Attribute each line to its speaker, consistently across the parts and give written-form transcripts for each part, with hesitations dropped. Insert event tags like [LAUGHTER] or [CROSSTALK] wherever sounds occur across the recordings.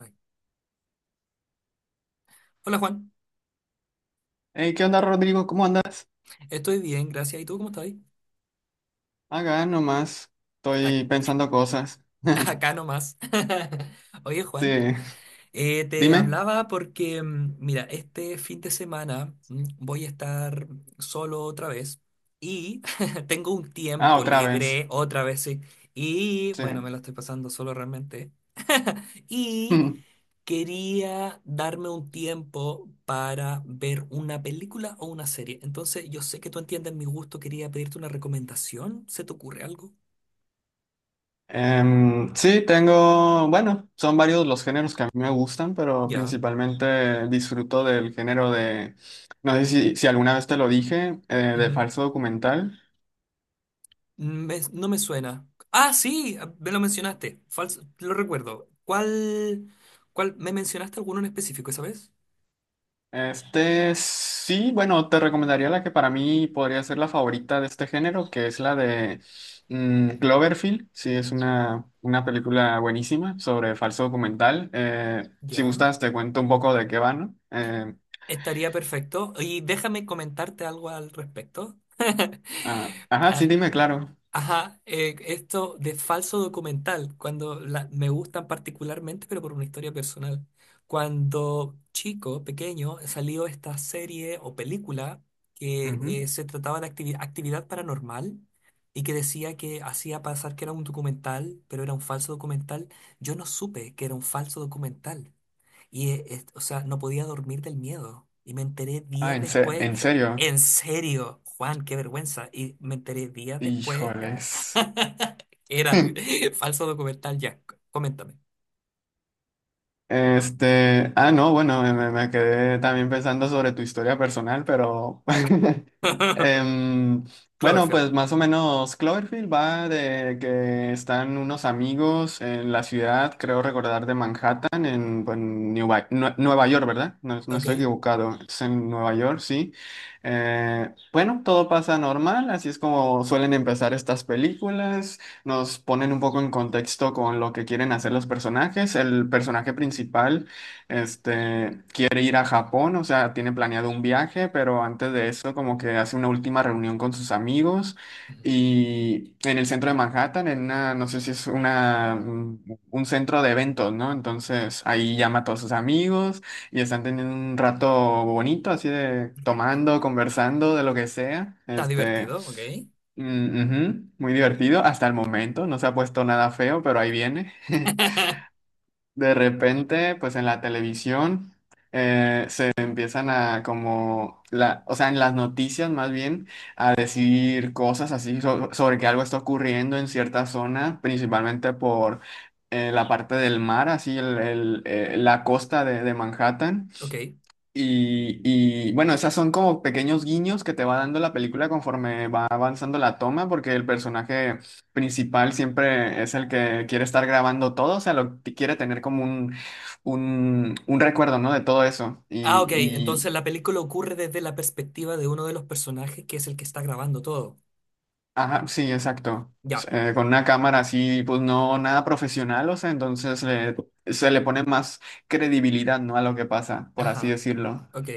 Speaker 1: Ay. Hola Juan,
Speaker 2: Hey, ¿qué onda, Rodrigo? ¿Cómo andas?
Speaker 1: estoy bien, gracias. ¿Y tú cómo estás?
Speaker 2: Acá nomás.
Speaker 1: Ac-
Speaker 2: Estoy pensando cosas.
Speaker 1: [LAUGHS] Acá
Speaker 2: [LAUGHS]
Speaker 1: nomás. [LAUGHS] Oye
Speaker 2: Sí.
Speaker 1: Juan, te
Speaker 2: Dime.
Speaker 1: hablaba porque, mira, este fin de semana voy a estar solo otra vez y [LAUGHS] tengo un
Speaker 2: Ah,
Speaker 1: tiempo
Speaker 2: otra vez.
Speaker 1: libre otra vez, sí. Y
Speaker 2: Sí.
Speaker 1: bueno, me lo estoy pasando solo realmente. [LAUGHS] Y
Speaker 2: [LAUGHS]
Speaker 1: quería darme un tiempo para ver una película o una serie. Entonces, yo sé que tú entiendes mi gusto, quería pedirte una recomendación. ¿Se te ocurre algo?
Speaker 2: Sí, tengo. Bueno, son varios los géneros que a mí me gustan, pero
Speaker 1: Ya.
Speaker 2: principalmente disfruto del género de. No sé si alguna vez te lo dije, de
Speaker 1: Ujú.
Speaker 2: falso documental.
Speaker 1: No me suena. Ah, sí, ah, me lo mencionaste. Falso, lo recuerdo. ¿Cuál? ¿Me mencionaste alguno en específico esa vez?
Speaker 2: Este sí, bueno, te recomendaría la que para mí podría ser la favorita de este género, que es la de Cloverfield. Sí, es una película buenísima sobre falso documental. Si
Speaker 1: Ya.
Speaker 2: gustas, te cuento un poco de qué va, ¿no?
Speaker 1: Estaría perfecto. Y déjame comentarte algo al respecto. [LAUGHS]
Speaker 2: Ajá, sí,
Speaker 1: Ah,
Speaker 2: dime, claro.
Speaker 1: ajá, esto de falso documental, cuando me gustan particularmente, pero por una historia personal. Cuando chico, pequeño, salió esta serie o película que
Speaker 2: Ujú.
Speaker 1: se trataba de actividad paranormal y que decía que hacía pasar que era un documental, pero era un falso documental. Yo no supe que era un falso documental. Y, o sea, no podía dormir del miedo. Y me enteré
Speaker 2: Ah,
Speaker 1: días
Speaker 2: en, se-
Speaker 1: después,
Speaker 2: en serio.
Speaker 1: en serio, Juan, qué vergüenza. Y me enteré días después,
Speaker 2: Híjoles.
Speaker 1: [LAUGHS] era falso documental, ya, coméntame.
Speaker 2: Ah, no, bueno, me quedé también pensando sobre tu historia personal, pero [LAUGHS]
Speaker 1: [LAUGHS]
Speaker 2: em, bueno,
Speaker 1: Cloverfield,
Speaker 2: pues más o menos Cloverfield va de que están unos amigos en la ciudad, creo recordar de Manhattan, pues, Nueva York, ¿verdad? No, no
Speaker 1: ok.
Speaker 2: estoy equivocado, es en Nueva York, sí. Bueno, todo pasa normal, así es como suelen empezar estas películas. Nos ponen un poco en contexto con lo que quieren hacer los personajes. El personaje principal, quiere ir a Japón, o sea, tiene planeado un viaje, pero antes de eso como que hace una última reunión con sus amigos y en el centro de Manhattan, en una, no sé si es una, un centro de eventos, ¿no? Entonces ahí llama a todos sus amigos y están teniendo un rato bonito, así de tomando, conversando, de lo que sea,
Speaker 1: Está
Speaker 2: este.
Speaker 1: divertido, ok.
Speaker 2: Mm, ujú, muy divertido hasta el momento, no se ha puesto nada feo, pero ahí viene. [LAUGHS]
Speaker 1: [LAUGHS]
Speaker 2: De repente, pues en la televisión se empiezan a como, o sea, en las noticias más bien, a decir cosas así sobre que algo está ocurriendo en cierta zona, principalmente por la parte del mar, así la costa de Manhattan.
Speaker 1: Ok.
Speaker 2: Bueno, esas son como pequeños guiños que te va dando la película conforme va avanzando la toma, porque el personaje principal siempre es el que quiere estar grabando todo, o sea, lo que quiere tener como un recuerdo, ¿no? De todo eso.
Speaker 1: Ah, ok, entonces
Speaker 2: Y
Speaker 1: la película ocurre desde la perspectiva de uno de los personajes que es el que está grabando todo.
Speaker 2: ajá, sí, exacto.
Speaker 1: Ya.
Speaker 2: Con una cámara así, pues no nada profesional, o sea, entonces se le pone más credibilidad, ¿no? A lo que pasa, por así
Speaker 1: Ajá.
Speaker 2: decirlo.
Speaker 1: Ok.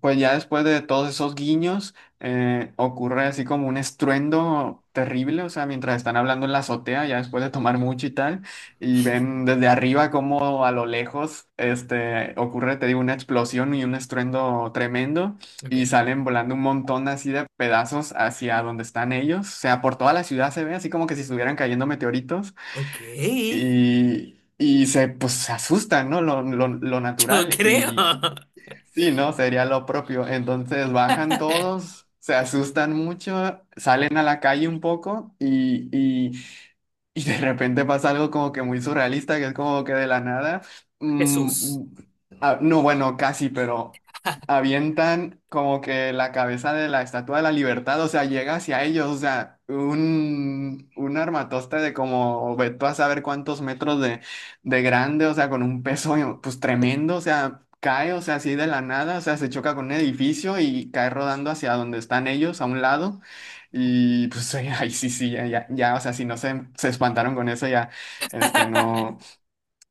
Speaker 2: Pues ya después de todos esos guiños, ocurre así como un estruendo terrible, o sea, mientras están hablando en la azotea, ya después de tomar mucho y tal, y ven
Speaker 1: [LAUGHS]
Speaker 2: desde arriba como a lo lejos, ocurre, te digo, una explosión y un estruendo tremendo,
Speaker 1: Ok.
Speaker 2: y salen volando un montón así de pedazos hacia donde están ellos, o sea, por toda la ciudad se ve así como que si estuvieran cayendo meteoritos,
Speaker 1: Ok.
Speaker 2: y... Y se, pues, se asustan, ¿no? Lo
Speaker 1: Yo
Speaker 2: natural.
Speaker 1: creo.
Speaker 2: Sí, ¿no? Sería lo propio. Entonces bajan
Speaker 1: [LAUGHS]
Speaker 2: todos, se asustan mucho, salen a la calle un poco y de repente pasa algo como que muy surrealista, que es como que de la nada.
Speaker 1: Jesús.
Speaker 2: mm, ah, no, bueno, casi, pero avientan como que la cabeza de la Estatua de la Libertad, o sea, llega hacia ellos, o sea, un armatoste de como, ve tú a saber cuántos metros de grande, o sea, con un peso pues tremendo, o sea, cae, o sea, así de la nada, o sea, se choca con un edificio y cae rodando hacia donde están ellos, a un lado. Y pues [LAUGHS] ahí sí, sí, ya, ya, ya, o sea, si no se espantaron con eso, ya, no,
Speaker 1: [LAUGHS]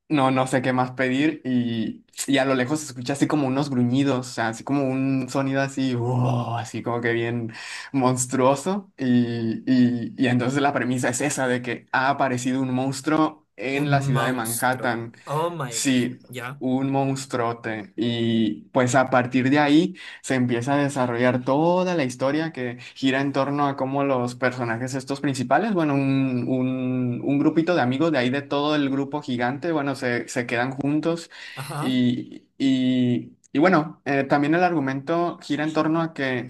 Speaker 2: no, no sé qué más pedir y a lo lejos se escucha así como unos gruñidos, o sea, así como un sonido así, wow, así como que bien monstruoso y entonces la premisa es esa de que ha aparecido un monstruo en
Speaker 1: Un
Speaker 2: la ciudad de
Speaker 1: monstruo.
Speaker 2: Manhattan.
Speaker 1: Oh my gosh.
Speaker 2: Sí,
Speaker 1: Ya.
Speaker 2: un monstruote. Y pues a partir de ahí se empieza a desarrollar toda la historia que gira en torno a cómo los personajes estos principales, bueno, un grupito de amigos de ahí de todo el grupo gigante, bueno, se quedan juntos
Speaker 1: Ajá.
Speaker 2: y bueno, también el argumento gira en torno a que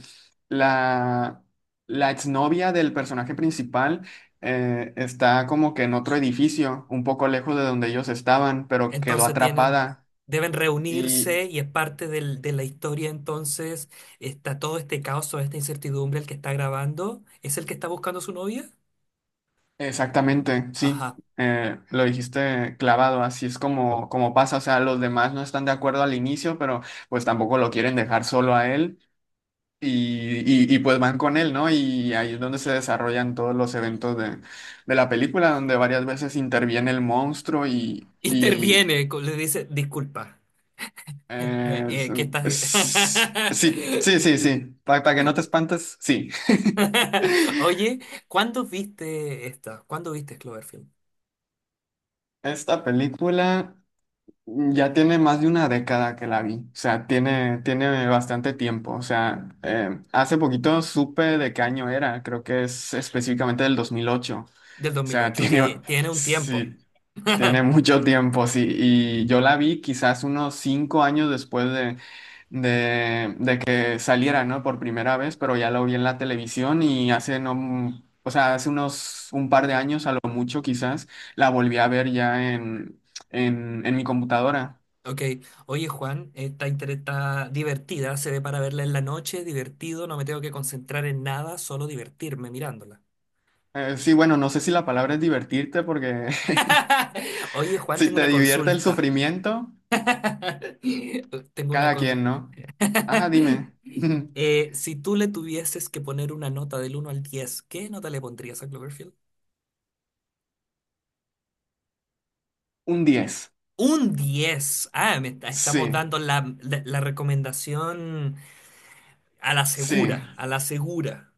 Speaker 2: la, la exnovia del personaje principal está como que en otro edificio, un poco lejos de donde ellos estaban, pero quedó
Speaker 1: Entonces tienen.
Speaker 2: atrapada.
Speaker 1: Deben reunirse
Speaker 2: Y
Speaker 1: y es parte de la historia. Entonces está todo este caos, toda esta incertidumbre. El que está grabando es el que está buscando a su novia.
Speaker 2: exactamente, sí,
Speaker 1: Ajá.
Speaker 2: lo dijiste clavado, así es como, como pasa. O sea, los demás no están de acuerdo al inicio, pero pues tampoco lo quieren dejar solo a él. Pues van con él, ¿no? Y ahí es donde se desarrollan todos los eventos de la película, donde varias veces interviene el monstruo
Speaker 1: [LAUGHS]
Speaker 2: y
Speaker 1: Interviene, le dice, disculpa.
Speaker 2: Eh, es-
Speaker 1: ¿Qué estás?
Speaker 2: sí, sí, sí, sí. Para que no te espantes, sí. [LAUGHS]
Speaker 1: [LAUGHS] Oye, ¿cuándo viste esta? ¿Cuándo viste Cloverfield?
Speaker 2: Esta película ya tiene más de una década que la vi. O sea, tiene bastante tiempo. O sea, hace poquito supe de qué año era. Creo que es específicamente del 2008. O
Speaker 1: Del dos mil
Speaker 2: sea, [LAUGHS]
Speaker 1: ocho.
Speaker 2: tiene,
Speaker 1: Que tiene un tiempo.
Speaker 2: sí, tiene
Speaker 1: [LAUGHS]
Speaker 2: mucho tiempo, sí. Y yo la vi quizás unos 5 años después de que saliera, ¿no? Por primera vez, pero ya lo vi en la televisión y hace no, o sea, hace unos un par de años a lo mucho quizás la volví a ver ya en, en mi computadora.
Speaker 1: Ok, oye Juan, esta está divertida, se ve para verla en la noche, divertido, no me tengo que concentrar en nada, solo divertirme mirándola.
Speaker 2: Sí, bueno, no sé si la palabra es divertirte porque
Speaker 1: [LAUGHS] Oye
Speaker 2: [LAUGHS]
Speaker 1: Juan,
Speaker 2: si
Speaker 1: tengo
Speaker 2: te
Speaker 1: una
Speaker 2: divierte el
Speaker 1: consulta.
Speaker 2: sufrimiento,
Speaker 1: [LAUGHS] Tengo una
Speaker 2: cada quien,
Speaker 1: consulta.
Speaker 2: ¿no? Ajá, dime.
Speaker 1: [LAUGHS]
Speaker 2: [LAUGHS]
Speaker 1: si tú le tuvieses que poner una nota del uno al 10, ¿qué nota le pondrías a Cloverfield?
Speaker 2: Un 10.
Speaker 1: Un 10. Ah, estamos
Speaker 2: Sí,
Speaker 1: dando la recomendación a la
Speaker 2: sí.
Speaker 1: segura, a la segura.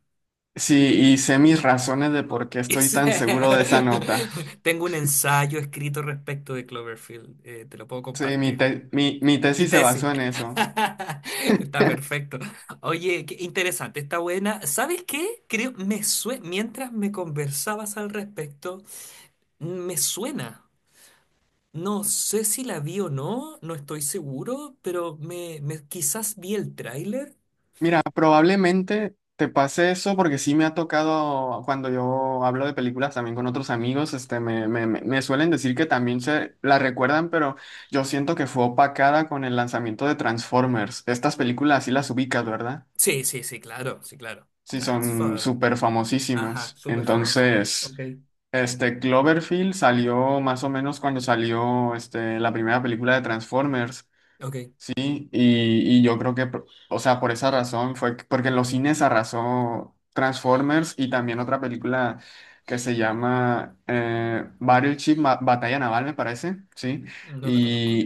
Speaker 2: Sí, y sé mis razones de por qué estoy
Speaker 1: Es-
Speaker 2: tan seguro de esa nota.
Speaker 1: [LAUGHS] Tengo un ensayo escrito respecto de Cloverfield. Te lo puedo
Speaker 2: Sí, mi,
Speaker 1: compartir.
Speaker 2: te- mi, mi
Speaker 1: Mi
Speaker 2: tesis se
Speaker 1: tesis.
Speaker 2: basó en eso.
Speaker 1: [LAUGHS] Está perfecto. Oye, qué interesante, está buena. ¿Sabes qué? Creo, mientras me conversabas al respecto, me suena. No sé si la vi o no, no estoy seguro, pero quizás vi el tráiler.
Speaker 2: Mira, probablemente te pase eso porque sí me ha tocado cuando yo hablo de películas también con otros amigos, este, me suelen decir que también se la recuerdan, pero yo siento que fue opacada con el lanzamiento de Transformers. Estas películas sí las ubicas, ¿verdad?
Speaker 1: Sí, sí, sí, claro, sí, claro.
Speaker 2: Sí, son
Speaker 1: Transformers.
Speaker 2: súper
Speaker 1: Ajá,
Speaker 2: famosísimas.
Speaker 1: súper famosa.
Speaker 2: Entonces...
Speaker 1: Ok,
Speaker 2: Este Cloverfield salió más o menos cuando salió este, la primera película de Transformers,
Speaker 1: ok,
Speaker 2: ¿sí? Y yo creo que, por- o sea, por esa razón fue que- porque en los cines arrasó Transformers y también otra película que se llama Battleship, Batalla Naval, me parece, ¿sí?
Speaker 1: no la conozco.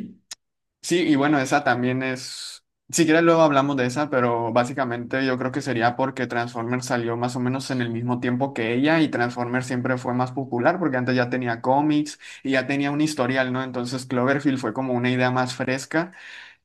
Speaker 2: Sí, y bueno, esa también es, si quieres luego hablamos de esa, pero básicamente yo creo que sería porque Transformers salió más o menos en el mismo tiempo que ella y Transformers siempre fue más popular porque antes ya tenía cómics y ya tenía un historial, ¿no? Entonces Cloverfield fue como una idea más fresca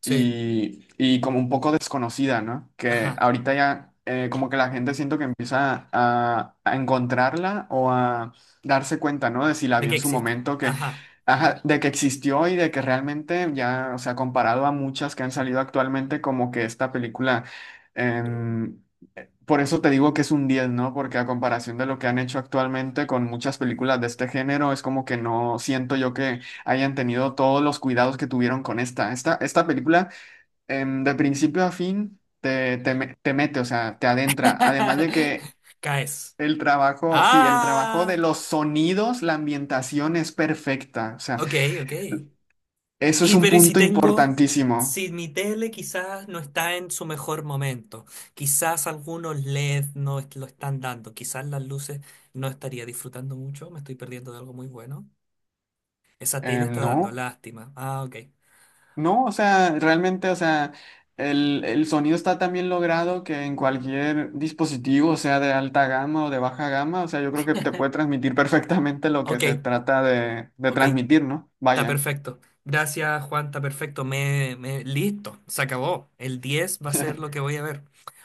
Speaker 1: Sí,
Speaker 2: y como un poco desconocida, ¿no? Que
Speaker 1: ajá.
Speaker 2: ahorita ya como que la gente siento que empieza a encontrarla o a darse cuenta, ¿no? De si la
Speaker 1: ¿De
Speaker 2: vio
Speaker 1: qué
Speaker 2: en su
Speaker 1: existe?
Speaker 2: momento, que,
Speaker 1: Ajá.
Speaker 2: ajá, de que existió y de que realmente ya, o sea, comparado a muchas que han salido actualmente, como que esta película... em, por eso te digo que es un 10, ¿no? Porque a comparación de lo que han hecho actualmente con muchas películas de este género, es como que no siento yo que hayan tenido todos los cuidados que tuvieron con esta. Esta película de principio a fin te mete, o sea, te adentra. Además de
Speaker 1: [LAUGHS]
Speaker 2: que
Speaker 1: Caes.
Speaker 2: el trabajo, sí, el trabajo de
Speaker 1: Ah,
Speaker 2: los sonidos, la ambientación es perfecta. O sea,
Speaker 1: ok, ok.
Speaker 2: eso es
Speaker 1: Y
Speaker 2: un
Speaker 1: pero ¿y
Speaker 2: punto importantísimo.
Speaker 1: si mi tele quizás no está en su mejor momento, quizás algunos LED no est- lo están dando, quizás las luces no estaría disfrutando mucho, me estoy perdiendo de algo muy bueno. Esa tele está
Speaker 2: No,
Speaker 1: dando lástima. Ah, ok.
Speaker 2: no, o sea, realmente, o sea, el sonido está tan bien logrado que en cualquier dispositivo, sea de alta gama o de baja gama, o sea, yo creo que te puede transmitir perfectamente lo que
Speaker 1: Ok,
Speaker 2: se trata de
Speaker 1: ok.
Speaker 2: transmitir, ¿no?
Speaker 1: Está
Speaker 2: Vaya.
Speaker 1: perfecto. Gracias, Juan, está perfecto. Listo, se acabó. El 10 va a ser lo que
Speaker 2: [LAUGHS]
Speaker 1: voy a ver.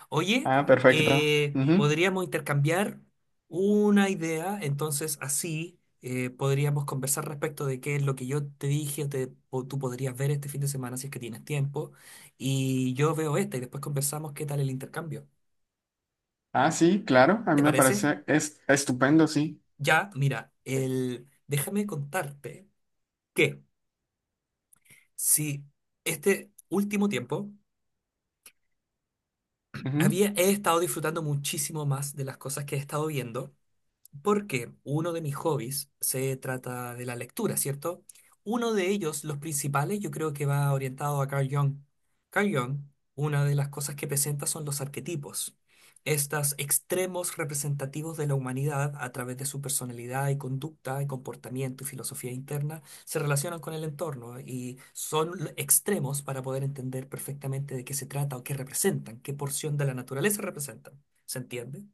Speaker 1: Oye,
Speaker 2: Ah, perfecto. Ujú.
Speaker 1: podríamos intercambiar una idea, entonces así podríamos conversar respecto de qué es lo que yo te dije, o tú podrías ver este fin de semana si es que tienes tiempo, y yo veo esta y después conversamos qué tal el intercambio.
Speaker 2: Ah, sí, claro, a mí
Speaker 1: ¿Te
Speaker 2: me
Speaker 1: parece?
Speaker 2: parece es estupendo, sí.
Speaker 1: Ya, mira, déjame contarte que si este último tiempo,
Speaker 2: Ujú.
Speaker 1: he estado disfrutando muchísimo más de las cosas que he estado viendo. Porque uno de mis hobbies se trata de la lectura, ¿cierto? Uno de ellos, los principales, yo creo que va orientado a Carl Jung. Carl Jung, una de las cosas que presenta son los arquetipos, estos extremos representativos de la humanidad a través de su personalidad y conducta y comportamiento y filosofía interna, se relacionan con el entorno y son extremos para poder entender perfectamente de qué se trata o qué representan, qué porción de la naturaleza representan. ¿Se entiende?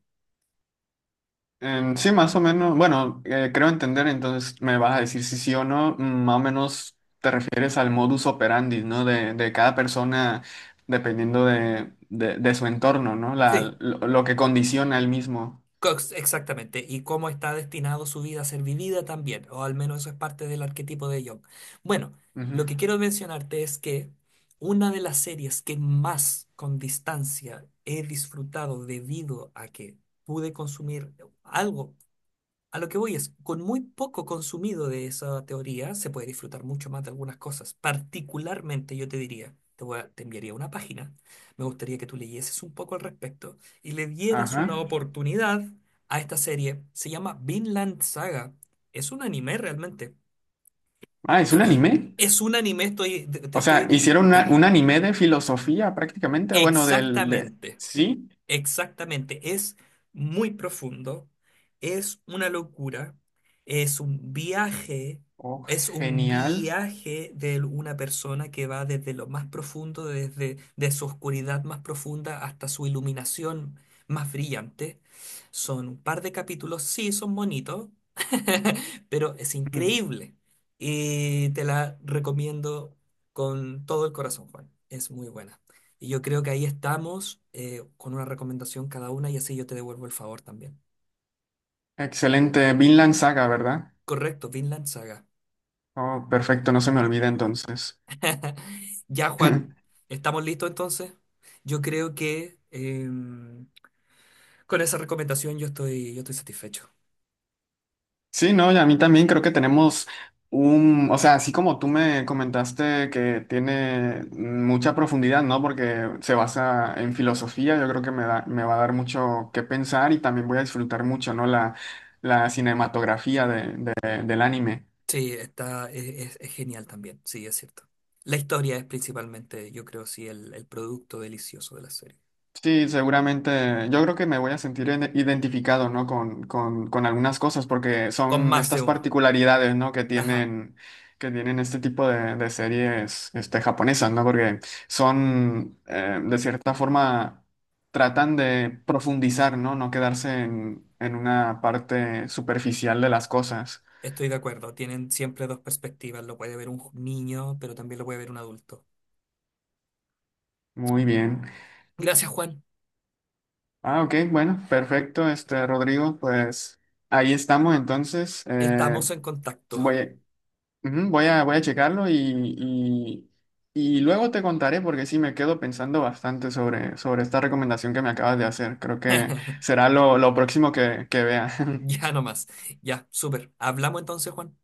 Speaker 2: Sí, más o menos, bueno, creo entender, entonces me vas a decir si sí o no, más o menos te refieres al modus operandi, ¿no? De cada persona dependiendo de su entorno, ¿no? La,
Speaker 1: Sí.
Speaker 2: lo, lo que condiciona el mismo.
Speaker 1: Cox, exactamente, y cómo está destinado su vida a ser vivida también, o al menos eso es parte del arquetipo de Young. Bueno,
Speaker 2: Ujú.
Speaker 1: lo que quiero mencionarte es que una de las series que más con distancia he disfrutado debido a que pude consumir algo a lo que voy es, con muy poco consumido de esa teoría, se puede disfrutar mucho más de algunas cosas. Particularmente, yo te diría, te enviaría una página, me gustaría que tú leyeses un poco al respecto y le dieras
Speaker 2: Ajá.
Speaker 1: una oportunidad a esta serie. Se llama Vinland Saga. Es un anime realmente.
Speaker 2: Ah, ¿es un anime?
Speaker 1: Es un anime, estoy, te
Speaker 2: O
Speaker 1: estoy...
Speaker 2: sea,
Speaker 1: di-
Speaker 2: hicieron una- un anime de filosofía prácticamente, bueno, del... de-
Speaker 1: Exactamente.
Speaker 2: Sí,
Speaker 1: Exactamente, es muy profundo, es una locura, es un viaje,
Speaker 2: oh,
Speaker 1: es un
Speaker 2: genial.
Speaker 1: viaje de una persona que va desde lo más profundo, desde de su oscuridad más profunda hasta su iluminación más brillante. Son un par de capítulos, sí, son bonitos, [LAUGHS] pero es increíble y te la recomiendo con todo el corazón, Juan. Es muy buena. Y yo creo que ahí estamos con una recomendación cada una y así yo te devuelvo el favor también.
Speaker 2: Excelente, Vinland Saga, ¿verdad?
Speaker 1: Correcto, Vinland Saga.
Speaker 2: Oh, perfecto, no se me olvida entonces.
Speaker 1: [LAUGHS] Ya, Juan,
Speaker 2: [LAUGHS]
Speaker 1: ¿estamos listos entonces? Yo creo que con esa recomendación yo estoy satisfecho.
Speaker 2: Sí, no, y a mí también creo que tenemos o sea, así como tú me comentaste que tiene mucha profundidad, ¿no? Porque se basa en filosofía, yo creo que me da, me va a dar mucho que pensar y también voy a disfrutar mucho, ¿no? La cinematografía del anime.
Speaker 1: Sí, está, es genial también, sí, es cierto. La historia es principalmente, yo creo, sí, el producto delicioso de la serie.
Speaker 2: Sí, seguramente. Yo creo que me voy a sentir ide- identificado, ¿no? Con algunas cosas, porque
Speaker 1: Con
Speaker 2: son
Speaker 1: más de
Speaker 2: estas
Speaker 1: uno.
Speaker 2: particularidades, ¿no? Que
Speaker 1: Ajá,
Speaker 2: tienen, que tienen este tipo de series, japonesas, ¿no? Porque son, de cierta forma, tratan de profundizar, ¿no? No quedarse en una parte superficial de las cosas.
Speaker 1: estoy de acuerdo. Tienen siempre dos perspectivas. Lo puede ver un niño, pero también lo puede ver un adulto.
Speaker 2: Muy bien.
Speaker 1: Gracias, Juan.
Speaker 2: Ah, ok, bueno, perfecto, Rodrigo, pues ahí estamos entonces.
Speaker 1: Estamos en contacto.
Speaker 2: Voy, Ujú. Voy a checarlo y, luego te contaré porque sí me quedo pensando bastante sobre esta recomendación que me acabas de hacer. Creo que
Speaker 1: [LAUGHS]
Speaker 2: será lo próximo que vea. [LAUGHS]
Speaker 1: Ya nomás. Ya, súper. Hablamos entonces, Juan.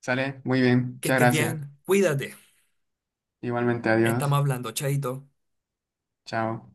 Speaker 2: Sale, muy bien,
Speaker 1: Que
Speaker 2: muchas
Speaker 1: estés
Speaker 2: gracias.
Speaker 1: bien. Cuídate.
Speaker 2: Igualmente, adiós.
Speaker 1: Estamos hablando, chaito.
Speaker 2: Chao.